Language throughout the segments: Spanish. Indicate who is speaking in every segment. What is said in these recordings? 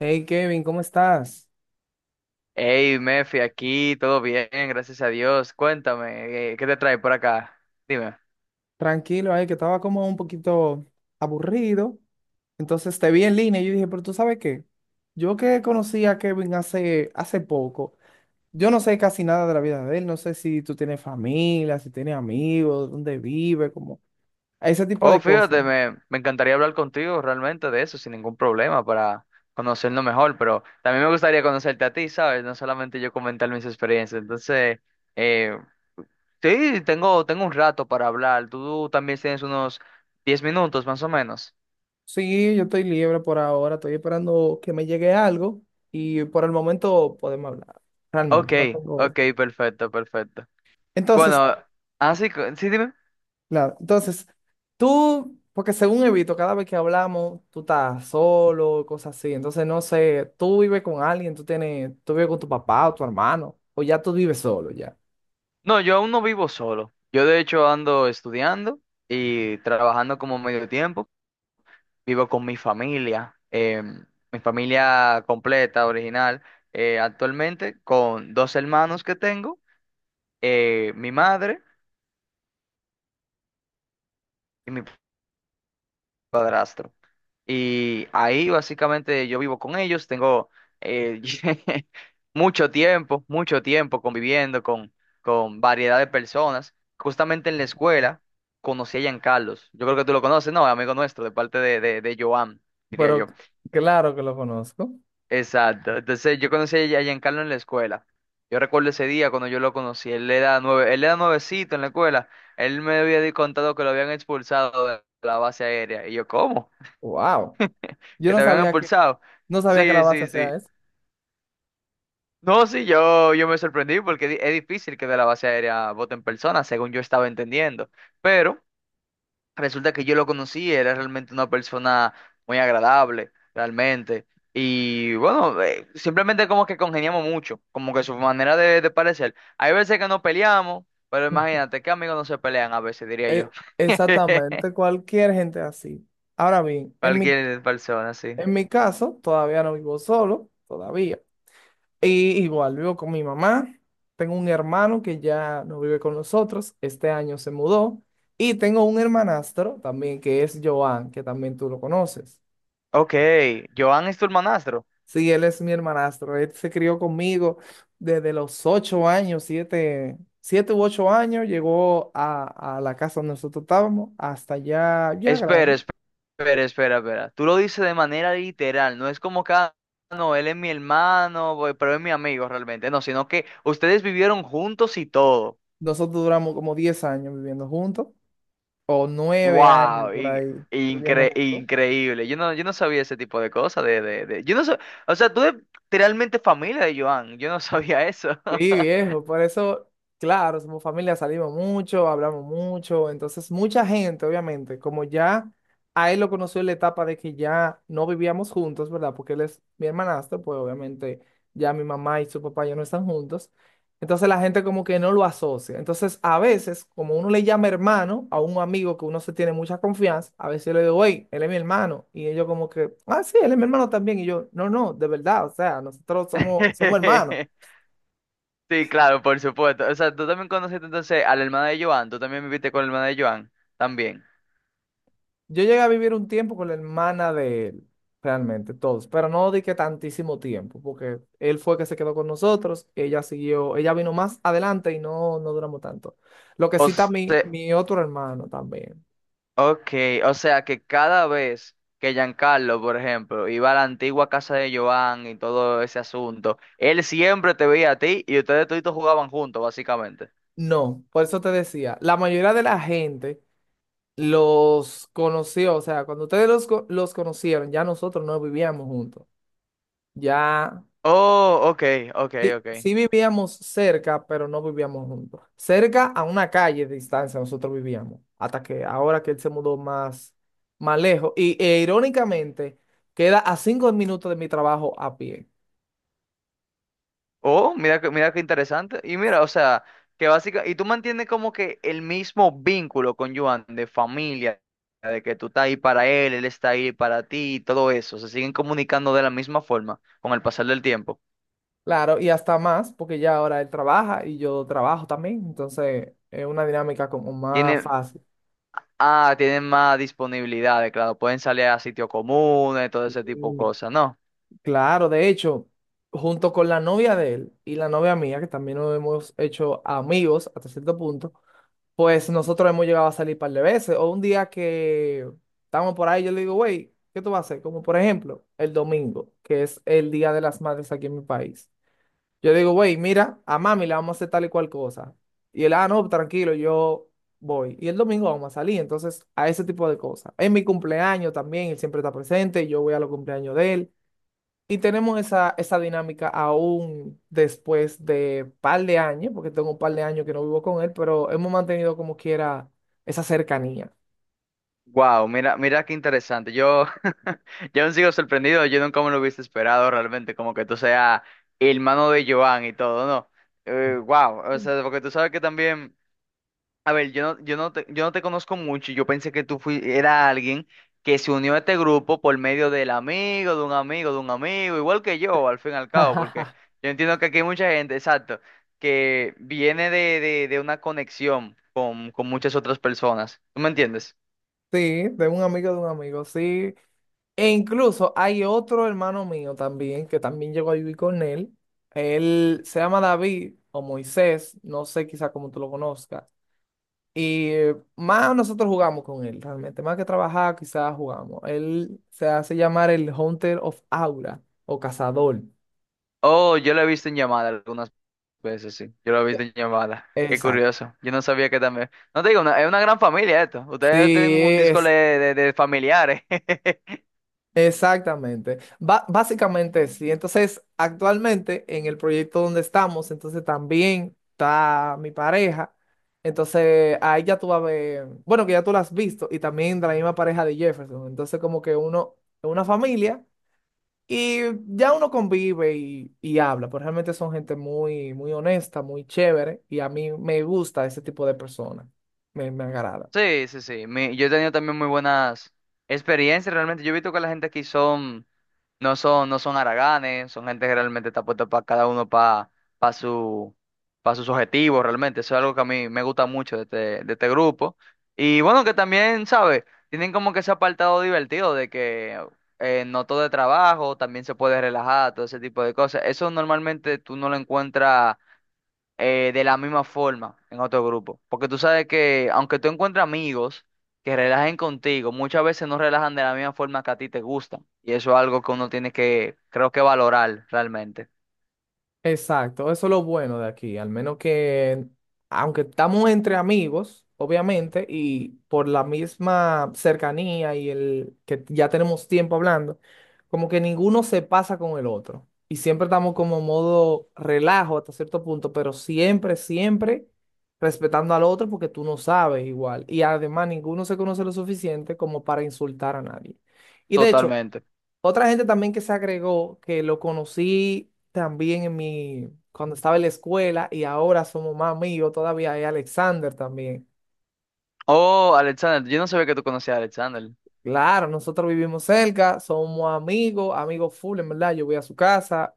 Speaker 1: Hey Kevin, ¿cómo estás?
Speaker 2: Hey, Mefi, aquí todo bien, gracias a Dios. Cuéntame, ¿qué te trae por acá? Dime.
Speaker 1: Tranquilo, que estaba como un poquito aburrido. Entonces te vi en línea y yo dije, pero tú sabes qué, yo que conocí a Kevin hace poco, yo no sé casi nada de la vida de él, no sé si tú tienes familia, si tienes amigos, dónde vive, como ese tipo
Speaker 2: Oh,
Speaker 1: de cosas.
Speaker 2: fíjate, me encantaría hablar contigo realmente de eso sin ningún problema para conocernos mejor, pero también me gustaría conocerte a ti, ¿sabes? No solamente yo comentar mis experiencias. Entonces, eh, sí, tengo, tengo un rato para hablar. Tú también tienes unos 10 minutos más o menos.
Speaker 1: Sí, yo estoy libre por ahora, estoy esperando que me llegue algo y por el momento podemos hablar.
Speaker 2: Ok,
Speaker 1: Realmente no tengo...
Speaker 2: ok, perfecto, perfecto.
Speaker 1: Entonces,
Speaker 2: Bueno, así, sí, dime.
Speaker 1: claro. Entonces, tú, porque según evito, cada vez que hablamos, tú estás solo, cosas así. Entonces, no sé, tú vives con alguien, tú tienes, tú vives con tu papá o tu hermano, o ya tú vives solo ya.
Speaker 2: No, yo aún no vivo solo. Yo de hecho ando estudiando y trabajando como medio tiempo. Vivo con mi familia, mi familia completa, original. Actualmente con dos hermanos que tengo, mi madre y mi padrastro. Y ahí básicamente yo vivo con ellos, tengo eh, mucho tiempo conviviendo con variedad de personas. Justamente en la escuela conocí a Giancarlos. Yo creo que tú lo conoces, ¿no? Amigo nuestro, de parte de Joan, diría
Speaker 1: Pero
Speaker 2: yo.
Speaker 1: claro que lo conozco.
Speaker 2: Exacto. Entonces yo conocí a Giancarlo en la escuela. Yo recuerdo ese día cuando yo lo conocí. Él era nueve, él era nuevecito en la escuela. Él me había contado que lo habían expulsado de la base aérea. Y yo, ¿cómo?
Speaker 1: Wow. Yo
Speaker 2: Que
Speaker 1: no
Speaker 2: te habían
Speaker 1: sabía que,
Speaker 2: impulsado.
Speaker 1: no sabía que la
Speaker 2: Sí, sí,
Speaker 1: base
Speaker 2: sí.
Speaker 1: sea eso.
Speaker 2: No, sí, yo me sorprendí porque es difícil que de la base aérea voten personas, según yo estaba entendiendo. Pero resulta que yo lo conocí, era realmente una persona muy agradable, realmente. Y bueno, simplemente como que congeniamos mucho, como que su manera de parecer. Hay veces que nos peleamos, pero imagínate que amigos no se pelean a veces, diría yo.
Speaker 1: E- Exactamente, cualquier gente así. Ahora bien,
Speaker 2: Cualquier persona, sí.
Speaker 1: en mi caso, todavía no vivo solo, todavía. Y igual vivo con mi mamá, tengo un hermano que ya no vive con nosotros, este año se mudó, y tengo un hermanastro también que es Joan, que también tú lo conoces.
Speaker 2: Ok, Joan es tu hermanastro.
Speaker 1: Sí, él es mi hermanastro, él se crió conmigo desde los 8 años, siete u 8 años, llegó a la casa donde nosotros estábamos, hasta ya, ya
Speaker 2: Espera,
Speaker 1: grande.
Speaker 2: espera, espera, espera. Tú lo dices de manera literal, no es como que, "Ah, no, él es mi hermano, pero es mi amigo realmente", no, sino que ustedes vivieron juntos y todo.
Speaker 1: Nosotros duramos como 10 años viviendo juntos, o 9 años
Speaker 2: ¡Wow!
Speaker 1: por ahí viviendo juntos.
Speaker 2: Increíble. Yo no sabía ese tipo de cosas, Yo no sab- o sea, tú eres literalmente familia de Joan, yo no sabía eso.
Speaker 1: Sí, viejo, por eso, claro, somos familia, salimos mucho, hablamos mucho, entonces mucha gente, obviamente, como ya a él lo conoció en la etapa de que ya no vivíamos juntos, ¿verdad? Porque él es mi hermanastro, pues obviamente ya mi mamá y su papá ya no están juntos, entonces la gente como que no lo asocia, entonces a veces, como uno le llama hermano a un amigo que uno se tiene mucha confianza, a veces yo le digo, hey, él es mi hermano, y ellos como que, ah, sí, él es mi hermano también, y yo, no, no, de verdad, o sea, nosotros somos, somos hermanos.
Speaker 2: Sí, claro, por supuesto. O sea, tú también conociste entonces a la hermana de Joan, tú también viviste con la hermana de Joan, también.
Speaker 1: Yo llegué a vivir un tiempo con la hermana de él, realmente, todos, pero no di que tantísimo tiempo, porque él fue que se quedó con nosotros, ella siguió, ella vino más adelante y no, no duramos tanto. Lo que
Speaker 2: O
Speaker 1: sí está
Speaker 2: sea,
Speaker 1: mi otro hermano también.
Speaker 2: Ok, o sea que cada vez que Giancarlo, por ejemplo, iba a la antigua casa de Joan y todo ese asunto, él siempre te veía a ti y ustedes toditos jugaban juntos, básicamente.
Speaker 1: No, por eso te decía, la mayoría de la gente los conoció, o sea, cuando ustedes los conocieron, ya nosotros no vivíamos juntos, ya.
Speaker 2: Oh, ok, ok,
Speaker 1: Sí,
Speaker 2: ok.
Speaker 1: sí vivíamos cerca, pero no vivíamos juntos. Cerca a una calle de distancia nosotros vivíamos, hasta que ahora que él se más lejos. Y e, irónicamente, queda a 5 minutos de mi trabajo a pie.
Speaker 2: Oh, mira qué interesante. Y mira, o sea, que básicamente, y tú mantienes como que el mismo vínculo con Joan de familia, de que tú estás ahí para él, él está ahí para ti y todo eso. Se siguen comunicando de la misma forma con el pasar del tiempo.
Speaker 1: Claro, y hasta más, porque ya ahora él trabaja y yo trabajo también. Entonces, es una dinámica como más
Speaker 2: Tiene,
Speaker 1: fácil.
Speaker 2: Ah, tienen más disponibilidades, claro. Pueden salir a sitios comunes, todo ese tipo de
Speaker 1: Y
Speaker 2: cosas, ¿no?
Speaker 1: claro, de hecho, junto con la novia de él y la novia mía, que también nos hemos hecho amigos hasta cierto punto, pues nosotros hemos llegado a salir un par de veces. O un día que estamos por ahí, yo le digo, güey, ¿qué tú vas a hacer? Como por ejemplo, el domingo, que es el Día de las Madres aquí en mi país. Yo digo, güey, mira, a mami le vamos a hacer tal y cual cosa. Y él, ah, no, tranquilo, yo voy. Y el domingo vamos a salir. Entonces, a ese tipo de cosas. En mi cumpleaños también, él siempre está presente. Yo voy a los cumpleaños de él. Y tenemos esa dinámica aún después de par de años, porque tengo un par de años que no vivo con él, pero hemos mantenido como quiera esa cercanía.
Speaker 2: Wow, mira, mira qué interesante. Yo, yo aún sigo sorprendido. Yo nunca me lo hubiese esperado realmente, como que tú seas hermano de Joan y todo, ¿no? Wow, o sea, porque tú sabes que también. A ver, yo no te conozco mucho. Yo pensé que era alguien que se unió a este grupo por medio del amigo, de un amigo, igual que yo, al fin y al cabo, porque yo entiendo que aquí hay mucha gente, exacto, que viene de una conexión con muchas otras personas. ¿Tú me entiendes?
Speaker 1: Sí, de un amigo, sí. E incluso hay otro hermano mío también, que también llegó a vivir con él. Él se llama David o Moisés, no sé quizá cómo tú lo conozcas. Y más nosotros jugamos con él, realmente. Más que trabajar, quizás jugamos. Él se hace llamar el Hunter of Aura o cazador.
Speaker 2: Oh, yo lo he visto en llamada algunas veces, sí. Yo lo he visto en llamada. Qué
Speaker 1: Exacto.
Speaker 2: curioso. Yo no sabía que también. No te digo, es una gran familia esto. Ustedes
Speaker 1: Sí,
Speaker 2: tienen un disco
Speaker 1: es
Speaker 2: de familiares.
Speaker 1: exactamente. Básicamente sí. Entonces, actualmente en el proyecto donde estamos, entonces también está mi pareja. Entonces, ahí ya tú vas a ver, bueno, que ya tú la has visto, y también de la misma pareja de Jefferson. Entonces, como que uno es una familia y ya uno convive y habla, pero realmente son gente muy, muy honesta, muy chévere, y a mí me gusta ese tipo de personas. Me agrada.
Speaker 2: Sí, sí, sí. Yo he tenido también muy buenas experiencias realmente. Yo he visto que la gente aquí no son haraganes, son gente que realmente está puesta para cada uno para para sus objetivos realmente. Eso es algo que a mí me gusta mucho de este grupo. Y bueno, que también, ¿sabes? Tienen como que ese apartado divertido de que no todo es trabajo, también se puede relajar, todo ese tipo de cosas. Eso normalmente tú no lo encuentras de la misma forma en otro grupo. Porque tú sabes que aunque tú encuentres amigos que relajen contigo, muchas veces no relajan de la misma forma que a ti te gustan. Y eso es algo que uno tiene que, creo que valorar realmente,
Speaker 1: Exacto, eso es lo bueno de aquí, al menos que, aunque estamos entre amigos, obviamente, y por la misma cercanía y el que ya tenemos tiempo hablando, como que ninguno se pasa con el otro. Y siempre estamos como modo relajo hasta cierto punto, pero siempre, siempre respetando al otro porque tú no sabes igual. Y además ninguno se conoce lo suficiente como para insultar a nadie. Y de hecho,
Speaker 2: totalmente.
Speaker 1: otra gente también que se agregó, que lo conocí también en mi, cuando estaba en la escuela y ahora somos más amigos todavía, es Alexander también.
Speaker 2: Oh, Alexander, yo no sabía que tú conocías a Alexander.
Speaker 1: Claro, nosotros vivimos cerca, somos amigos, amigos full, en verdad. Yo voy a su casa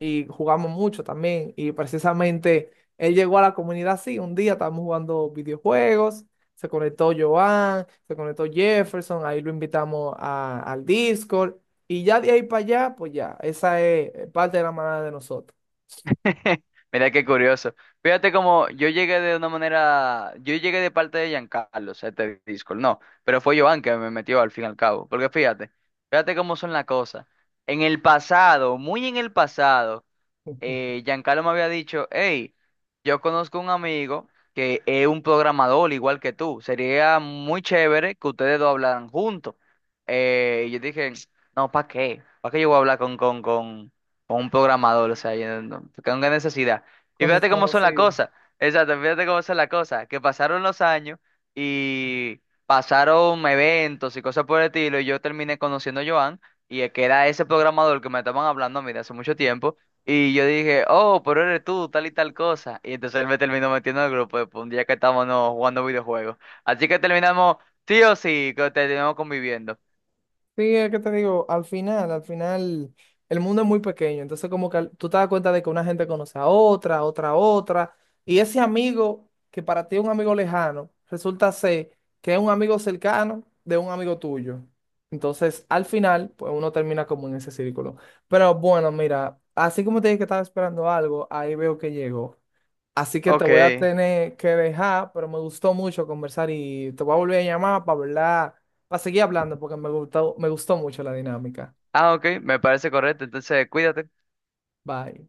Speaker 1: y jugamos mucho también. Y precisamente él llegó a la comunidad así, un día estábamos jugando videojuegos, se conectó Joan, se conectó Jefferson, ahí lo invitamos al Discord. Y ya de ahí para allá, pues ya, esa es parte de la manada de nosotros.
Speaker 2: Mira qué curioso. Fíjate cómo yo llegué de una manera, yo llegué de parte de Giancarlo, o sea, este Discord, no, pero fue Joan que me metió al fin y al cabo, porque fíjate, fíjate cómo son las cosas. En el pasado, muy en el pasado, Giancarlo me había dicho, hey, yo conozco un amigo que es un programador igual que tú, sería muy chévere que ustedes dos hablaran juntos. Y yo dije, no, ¿para qué? ¿Para qué yo voy a hablar con un programador? O sea, yo no, no, porque no hay necesidad. Y
Speaker 1: Con
Speaker 2: fíjate cómo son las
Speaker 1: desconocidos.
Speaker 2: cosas, exacto, fíjate cómo son las cosas, que pasaron los años y pasaron eventos y cosas por el estilo y yo terminé conociendo a Joan. Y que era ese programador que me estaban hablando a mí de hace mucho tiempo. Y yo dije, oh, pero eres tú, tal y tal cosa. Y entonces él me terminó metiendo al grupo después, un día que estábamos no, jugando videojuegos. Así que terminamos, sí o sí, que terminamos conviviendo.
Speaker 1: Sí, es que te digo, al final, el mundo es muy pequeño, entonces como que tú te das cuenta de que una gente conoce a otra, a otra, y ese amigo que para ti es un amigo lejano, resulta ser que es un amigo cercano de un amigo tuyo. Entonces, al final, pues uno termina como en ese círculo. Pero bueno, mira, así como te dije que estaba esperando algo, ahí veo que llegó. Así que te
Speaker 2: Ok.
Speaker 1: voy a tener que dejar, pero me gustó mucho conversar y te voy a volver a llamar para hablar, para seguir hablando, porque me gustó mucho la dinámica.
Speaker 2: Ah, ok, me parece correcto. Entonces, cuídate.
Speaker 1: Bye.